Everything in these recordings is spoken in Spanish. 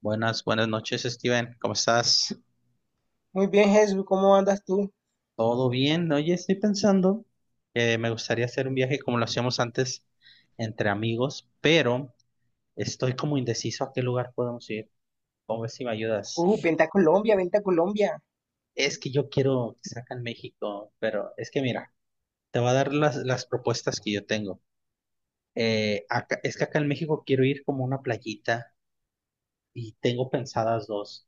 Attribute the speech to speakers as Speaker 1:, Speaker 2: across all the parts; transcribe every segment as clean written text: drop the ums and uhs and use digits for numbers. Speaker 1: Buenas, buenas noches, Steven. ¿Cómo estás?
Speaker 2: Muy bien, Jesús, ¿cómo andas tú?
Speaker 1: ¿Todo bien? Oye, estoy pensando que me gustaría hacer un viaje como lo hacíamos antes entre amigos, pero estoy como indeciso a qué lugar podemos ir. ¿Cómo ves si me ayudas?
Speaker 2: Vente a Colombia, vente a Colombia.
Speaker 1: Es que yo quiero que sea México, pero es que mira, te voy a dar las propuestas que yo tengo. Es que acá en México quiero ir como a una playita y tengo pensadas dos.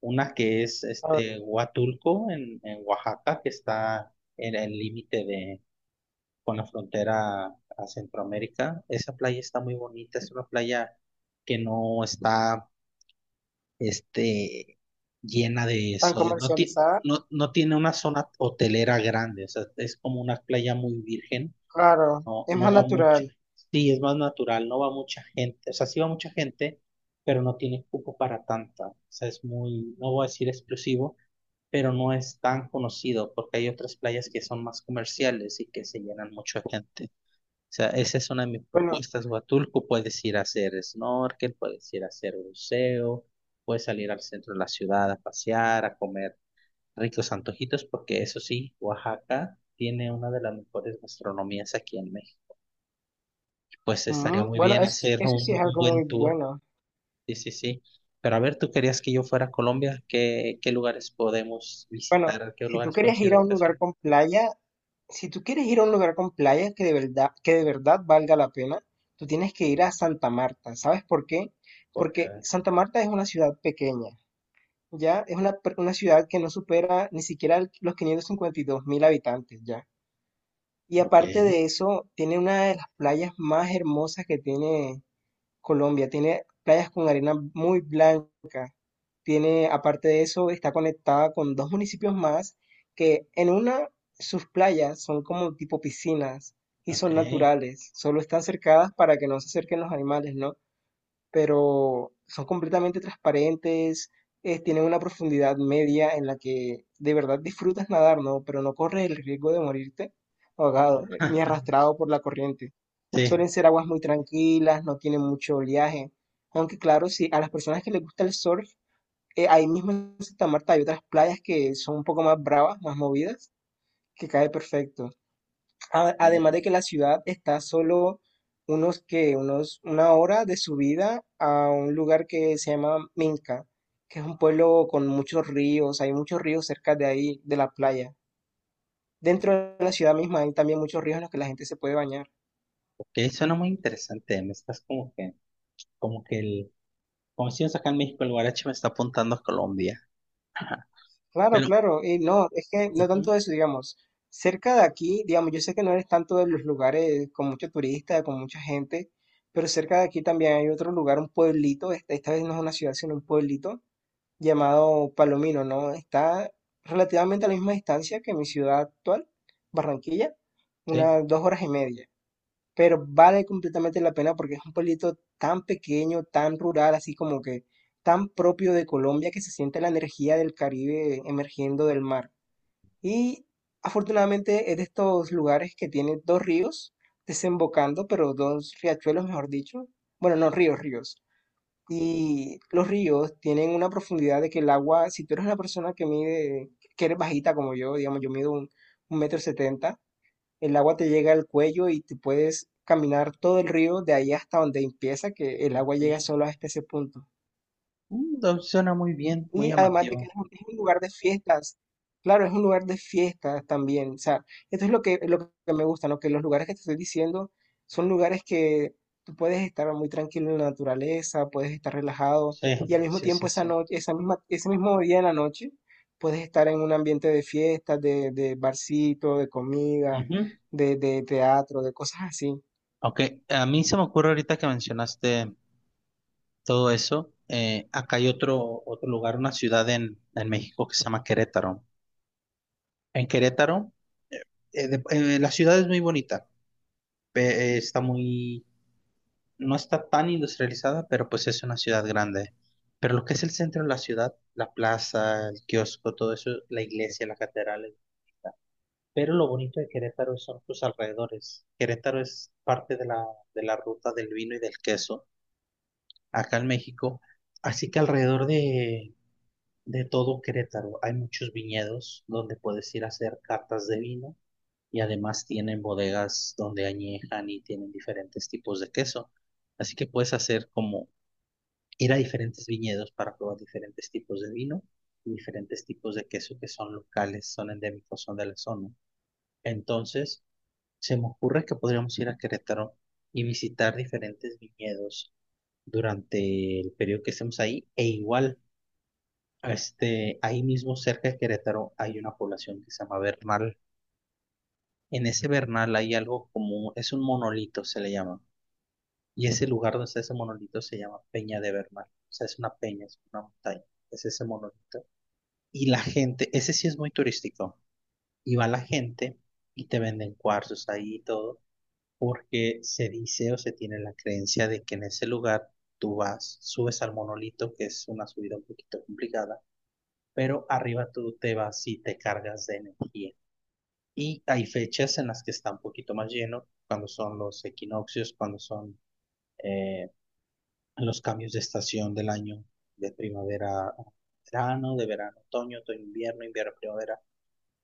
Speaker 1: Una que es
Speaker 2: Ah,
Speaker 1: Huatulco en Oaxaca, que está en el límite de con la frontera a Centroamérica. Esa playa está muy bonita, es una playa que no está este llena de
Speaker 2: tan
Speaker 1: eso, no,
Speaker 2: comercializada,
Speaker 1: no, no tiene una zona hotelera grande, o sea, es como una playa muy virgen,
Speaker 2: claro,
Speaker 1: no,
Speaker 2: es
Speaker 1: no
Speaker 2: más
Speaker 1: va mucha,
Speaker 2: natural.
Speaker 1: sí, es más natural, no va mucha gente, o sea, sí va mucha gente, pero no tiene cupo para tanta, o sea, es muy, no voy a decir exclusivo pero no es tan conocido porque hay otras playas que son más comerciales y que se llenan mucho de gente. O sea, esa es una de mis
Speaker 2: Bueno,
Speaker 1: propuestas. Huatulco, puedes ir a hacer snorkel, puedes ir a hacer buceo, puedes salir al centro de la ciudad a pasear, a comer ricos antojitos, porque eso sí, Oaxaca tiene una de las mejores gastronomías aquí en México. Pues estaría muy
Speaker 2: bueno,
Speaker 1: bien hacer
Speaker 2: eso sí es
Speaker 1: un
Speaker 2: algo
Speaker 1: buen
Speaker 2: muy
Speaker 1: tour.
Speaker 2: bueno.
Speaker 1: Sí, sí, sí. Pero a ver, tú querías que yo fuera a Colombia, ¿qué, qué lugares podemos
Speaker 2: Bueno,
Speaker 1: visitar? ¿Qué
Speaker 2: si tú
Speaker 1: lugares
Speaker 2: quieres
Speaker 1: podemos ir
Speaker 2: ir
Speaker 1: de
Speaker 2: a un lugar
Speaker 1: vacaciones?
Speaker 2: con playa, si tú quieres ir a un lugar con playa que de verdad valga la pena, tú tienes que ir a Santa Marta. ¿Sabes por qué?
Speaker 1: Porque,
Speaker 2: Porque Santa Marta es una ciudad pequeña, ¿ya? Es una, una ciudad que no supera ni siquiera los 552 mil habitantes, ¿ya? Y
Speaker 1: ok,
Speaker 2: aparte de eso, tiene una de las playas más hermosas que tiene Colombia. Tiene playas con arena muy blanca. Tiene, aparte de eso, está conectada con dos municipios más que en una sus playas son como tipo piscinas y
Speaker 1: ok.
Speaker 2: son naturales. Solo están cercadas para que no se acerquen los animales, ¿no? Pero son completamente transparentes. Tienen una profundidad media en la que de verdad disfrutas nadar, ¿no? Pero no corres el riesgo de morirte ahogado, ni arrastrado por la corriente.
Speaker 1: Sí,
Speaker 2: Suelen ser aguas muy tranquilas, no tienen mucho oleaje. Aunque claro, si a las personas que les gusta el surf, ahí mismo en Santa Marta hay otras playas que son un poco más bravas, más movidas, que cae perfecto. Además
Speaker 1: ok,
Speaker 2: de que la ciudad está solo unos que unos una hora de subida a un lugar que se llama Minca, que es un pueblo con muchos ríos, hay muchos ríos cerca de ahí, de la playa. Dentro de la ciudad misma hay también muchos ríos en los que la gente se puede bañar.
Speaker 1: ok, suena muy interesante. Me estás como que el, como decimos acá en México, el guarache me está apuntando a Colombia. Ajá.
Speaker 2: Claro,
Speaker 1: Pero,
Speaker 2: claro, y no, es que no
Speaker 1: ujú,
Speaker 2: tanto eso, digamos, cerca de aquí, digamos, yo sé que no eres tanto de los lugares con mucho turista, con mucha gente, pero cerca de aquí también hay otro lugar, un pueblito, esta vez no es una ciudad, sino un pueblito llamado Palomino, ¿no? Está relativamente a la misma distancia que mi ciudad actual, Barranquilla,
Speaker 1: sí,
Speaker 2: unas dos horas y media. Pero vale completamente la pena porque es un pueblito tan pequeño, tan rural, así como que tan propio de Colombia que se siente la energía del Caribe emergiendo del mar. Y afortunadamente es de estos lugares que tiene dos ríos desembocando, pero dos riachuelos, mejor dicho. Bueno, no ríos, ríos. Y los ríos tienen una profundidad de que el agua, si tú eres una persona que mide, que eres bajita como yo, digamos, yo mido un metro setenta, el agua te llega al cuello y te puedes caminar todo el río de ahí hasta donde empieza, que el
Speaker 1: ok.
Speaker 2: agua llega solo hasta ese punto.
Speaker 1: Mm, no, suena muy bien, muy
Speaker 2: Y además de que
Speaker 1: llamativo.
Speaker 2: es es un lugar de fiestas. Claro, es un lugar de fiestas también. O sea, esto es lo que me gusta, ¿no? Que los lugares que te estoy diciendo son lugares que tú puedes estar muy tranquilo en la naturaleza, puedes estar relajado
Speaker 1: Sí,
Speaker 2: y al mismo
Speaker 1: sí,
Speaker 2: tiempo
Speaker 1: sí,
Speaker 2: esa
Speaker 1: sí.
Speaker 2: noche, esa misma, ese mismo día en la noche, puedes estar en un ambiente de fiestas, de barcito, de comida,
Speaker 1: Ujú.
Speaker 2: de teatro, de cosas así.
Speaker 1: Ok, a mí se me ocurre ahorita que mencionaste todo eso. Acá hay otro, otro lugar, una ciudad en México que se llama Querétaro. En Querétaro, la ciudad es muy bonita. Está muy, no está tan industrializada, pero pues es una ciudad grande. Pero lo que es el centro de la ciudad, la plaza, el kiosco, todo eso, la iglesia, la catedral es bonita. Pero lo bonito de Querétaro son sus alrededores. Querétaro es parte de de la ruta del vino y del queso acá en México. Así que alrededor de todo Querétaro hay muchos viñedos donde puedes ir a hacer catas de vino y además tienen bodegas donde añejan y tienen diferentes tipos de queso. Así que puedes hacer como ir a diferentes viñedos para probar diferentes tipos de vino y diferentes tipos de queso que son locales, son endémicos, son de la zona. Entonces, se me ocurre que podríamos ir a Querétaro y visitar diferentes viñedos durante el periodo que estemos ahí e igual. Ahí mismo cerca de Querétaro hay una población que se llama Bernal. En ese Bernal hay algo como, es un monolito, se le llama. Y ese lugar donde está ese monolito se llama Peña de Bernal. O sea, es una peña, es una montaña. Es ese monolito. Y la gente, ese sí es muy turístico. Y va la gente y te venden cuarzos ahí y todo, porque se dice o se tiene la creencia de que en ese lugar tú vas, subes al monolito, que es una subida un poquito complicada, pero arriba tú te vas y te cargas de energía. Y hay fechas en las que está un poquito más lleno, cuando son los equinoccios, cuando son eh, los cambios de estación del año, de primavera a verano, de verano a otoño, otoño a invierno, invierno a primavera.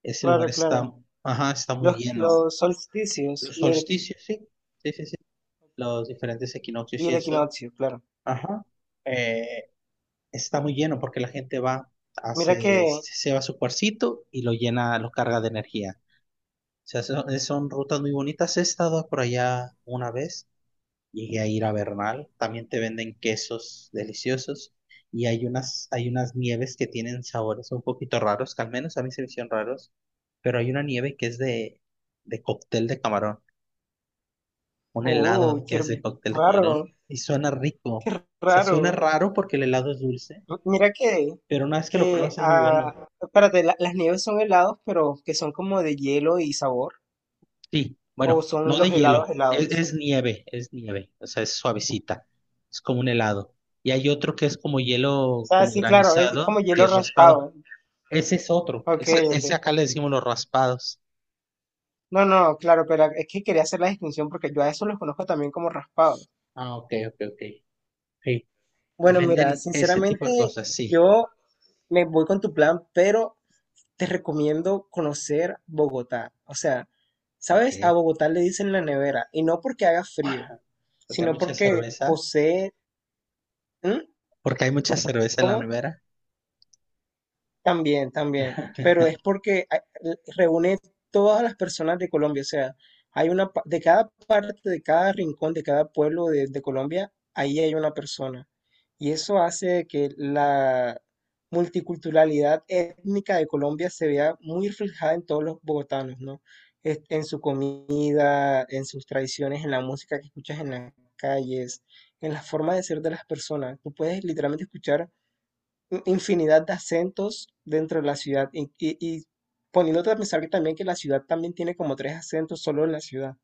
Speaker 1: Ese lugar
Speaker 2: Claro, claro.
Speaker 1: está, ajá, está muy lleno.
Speaker 2: Los solsticios
Speaker 1: Los solsticios, sí, sí, sí, sí. Los diferentes
Speaker 2: y
Speaker 1: equinoccios y
Speaker 2: el
Speaker 1: eso,
Speaker 2: equinoccio, claro.
Speaker 1: ajá, eh, está muy lleno porque la gente va,
Speaker 2: Mira que
Speaker 1: hace, se va a su cuarcito y lo llena, lo carga de energía. Sea, son, son rutas muy bonitas. He estado por allá una vez, llegué a ir a Bernal, también te venden quesos deliciosos y hay unas nieves que tienen sabores un poquito raros, que al menos a mí se me hicieron raros, pero hay una nieve que es de cóctel de camarón, un
Speaker 2: Oh,
Speaker 1: helado que
Speaker 2: qué
Speaker 1: es de cóctel de
Speaker 2: raro,
Speaker 1: camarón y suena rico. O
Speaker 2: qué
Speaker 1: sea, suena
Speaker 2: raro.
Speaker 1: raro porque el helado es dulce,
Speaker 2: Mira
Speaker 1: pero una vez que lo
Speaker 2: que,
Speaker 1: pruebas es muy bueno.
Speaker 2: ah, Espérate, las nieves son helados, pero que son como de hielo y sabor,
Speaker 1: Sí,
Speaker 2: o
Speaker 1: bueno,
Speaker 2: son
Speaker 1: no de
Speaker 2: los helados
Speaker 1: hielo,
Speaker 2: helados.
Speaker 1: es nieve, o sea, es suavecita, es como un helado. Y hay otro que es como
Speaker 2: O
Speaker 1: hielo,
Speaker 2: sea,
Speaker 1: como
Speaker 2: sí, claro, es como
Speaker 1: granizado, que
Speaker 2: hielo
Speaker 1: es raspado.
Speaker 2: raspado.
Speaker 1: Ese es otro,
Speaker 2: Ok,
Speaker 1: ese,
Speaker 2: ok.
Speaker 1: ese acá le decimos los raspados.
Speaker 2: No, no, claro, pero es que quería hacer la distinción porque yo a eso los conozco también como raspados.
Speaker 1: Ah, ok, ok, ok. Sí. Y
Speaker 2: Bueno, mira,
Speaker 1: venden ese tipo de
Speaker 2: sinceramente,
Speaker 1: cosas, sí.
Speaker 2: yo me voy con tu plan, pero te recomiendo conocer Bogotá. O sea,
Speaker 1: Ok,
Speaker 2: ¿sabes? A Bogotá le dicen la nevera, y no porque haga frío,
Speaker 1: porque hay
Speaker 2: sino
Speaker 1: mucha
Speaker 2: porque
Speaker 1: cerveza,
Speaker 2: posee... ¿Mm?
Speaker 1: porque hay mucha cerveza en la
Speaker 2: ¿Cómo?
Speaker 1: nevera.
Speaker 2: También, también, pero es porque reúne todas las personas de Colombia, o sea, de cada parte, de cada rincón, de cada pueblo de Colombia, ahí hay una persona. Y eso hace que la multiculturalidad étnica de Colombia se vea muy reflejada en todos los bogotanos, ¿no? En su comida, en sus tradiciones, en la música que escuchas en las calles, en la forma de ser de las personas. Tú puedes literalmente escuchar infinidad de acentos dentro de la ciudad y poniéndote a pensar que también que la ciudad también tiene como tres acentos solo en la ciudad,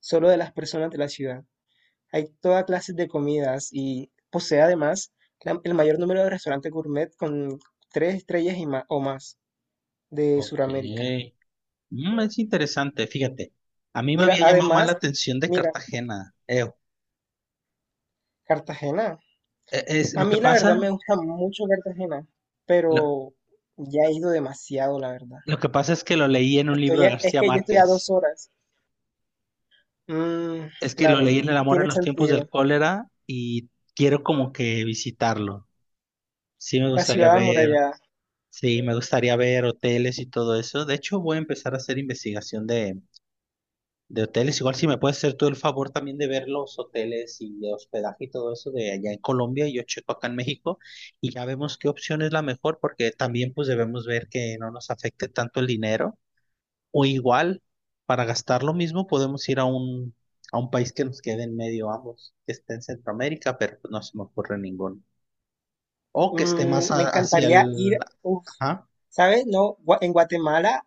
Speaker 2: solo de las personas de la ciudad. Hay toda clase de comidas y posee además el mayor número de restaurantes gourmet con tres estrellas y o más de
Speaker 1: Ok,
Speaker 2: Sudamérica.
Speaker 1: mm, es interesante, fíjate. A mí me
Speaker 2: Mira,
Speaker 1: había llamado más la
Speaker 2: además,
Speaker 1: atención de
Speaker 2: mira,
Speaker 1: Cartagena. Eo.
Speaker 2: Cartagena.
Speaker 1: Es
Speaker 2: A
Speaker 1: lo que
Speaker 2: mí la verdad me
Speaker 1: pasa,
Speaker 2: gusta mucho Cartagena,
Speaker 1: lo,
Speaker 2: pero ya he ido demasiado, la verdad.
Speaker 1: Lo que pasa es que lo leí en un libro de
Speaker 2: Es
Speaker 1: García
Speaker 2: que yo estoy a dos
Speaker 1: Márquez.
Speaker 2: horas. Mm,
Speaker 1: Es que lo leí
Speaker 2: claro,
Speaker 1: en El amor
Speaker 2: tiene
Speaker 1: en los tiempos del
Speaker 2: sentido.
Speaker 1: cólera y quiero como que visitarlo. Sí, me
Speaker 2: La
Speaker 1: gustaría
Speaker 2: ciudad
Speaker 1: ver,
Speaker 2: amurallada.
Speaker 1: sí, me gustaría ver hoteles y todo eso. De hecho, voy a empezar a hacer investigación de hoteles. Igual si me puedes hacer tú el favor también de ver los hoteles y de hospedaje y todo eso de allá en Colombia y yo checo acá en México y ya vemos qué opción es la mejor porque también pues debemos ver que no nos afecte tanto el dinero. O igual, para gastar lo mismo, podemos ir a un país que nos quede en medio ambos, que esté en Centroamérica, pero pues, no se me ocurre ninguno. O que esté más
Speaker 2: Me
Speaker 1: hacia
Speaker 2: encantaría ir,
Speaker 1: el...
Speaker 2: uf,
Speaker 1: Ajá,
Speaker 2: ¿sabes? No,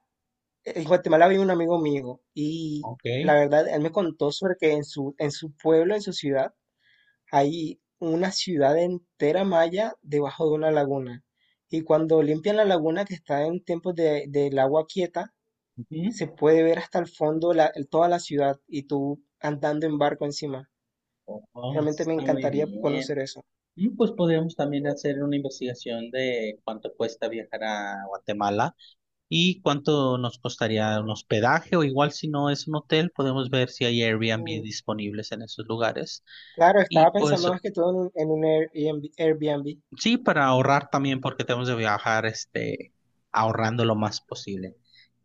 Speaker 2: en Guatemala vive un amigo mío y la
Speaker 1: ok.
Speaker 2: verdad, él me contó sobre que en su pueblo, en su ciudad, hay una ciudad entera maya debajo de una laguna. Y cuando limpian la laguna, que está en tiempos del agua quieta,
Speaker 1: Ujú.
Speaker 2: se puede ver hasta el fondo toda la ciudad y tú andando en barco encima.
Speaker 1: Oh, eso
Speaker 2: Realmente me
Speaker 1: está muy
Speaker 2: encantaría
Speaker 1: bien.
Speaker 2: conocer eso.
Speaker 1: Mm, pues podemos también hacer una investigación de cuánto cuesta viajar a Guatemala y cuánto nos costaría un hospedaje o igual si no es un hotel, podemos ver si hay Airbnb
Speaker 2: Mm,
Speaker 1: disponibles en esos lugares.
Speaker 2: Claro,
Speaker 1: Y
Speaker 2: estaba
Speaker 1: pues
Speaker 2: pensando más que todo en en un Airbnb, Airbnb.
Speaker 1: sí, para ahorrar también porque tenemos de viajar ahorrando lo más posible.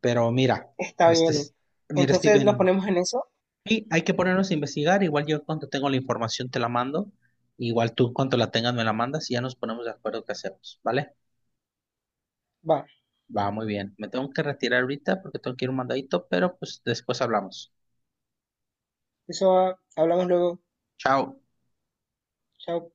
Speaker 1: Pero mira,
Speaker 2: Está
Speaker 1: este
Speaker 2: bien.
Speaker 1: es- mira,
Speaker 2: Entonces nos
Speaker 1: Steven,
Speaker 2: ponemos en eso.
Speaker 1: sí, hay que ponernos a investigar. Igual yo cuando tengo la información te la mando. Igual tú cuando la tengas me la mandas y ya nos ponemos de acuerdo qué hacemos, ¿vale?
Speaker 2: Va,
Speaker 1: Va muy bien. Me tengo que retirar ahorita porque tengo que ir a un mandadito, pero pues después hablamos.
Speaker 2: eso va. Hablamos luego.
Speaker 1: Chao.
Speaker 2: Chao.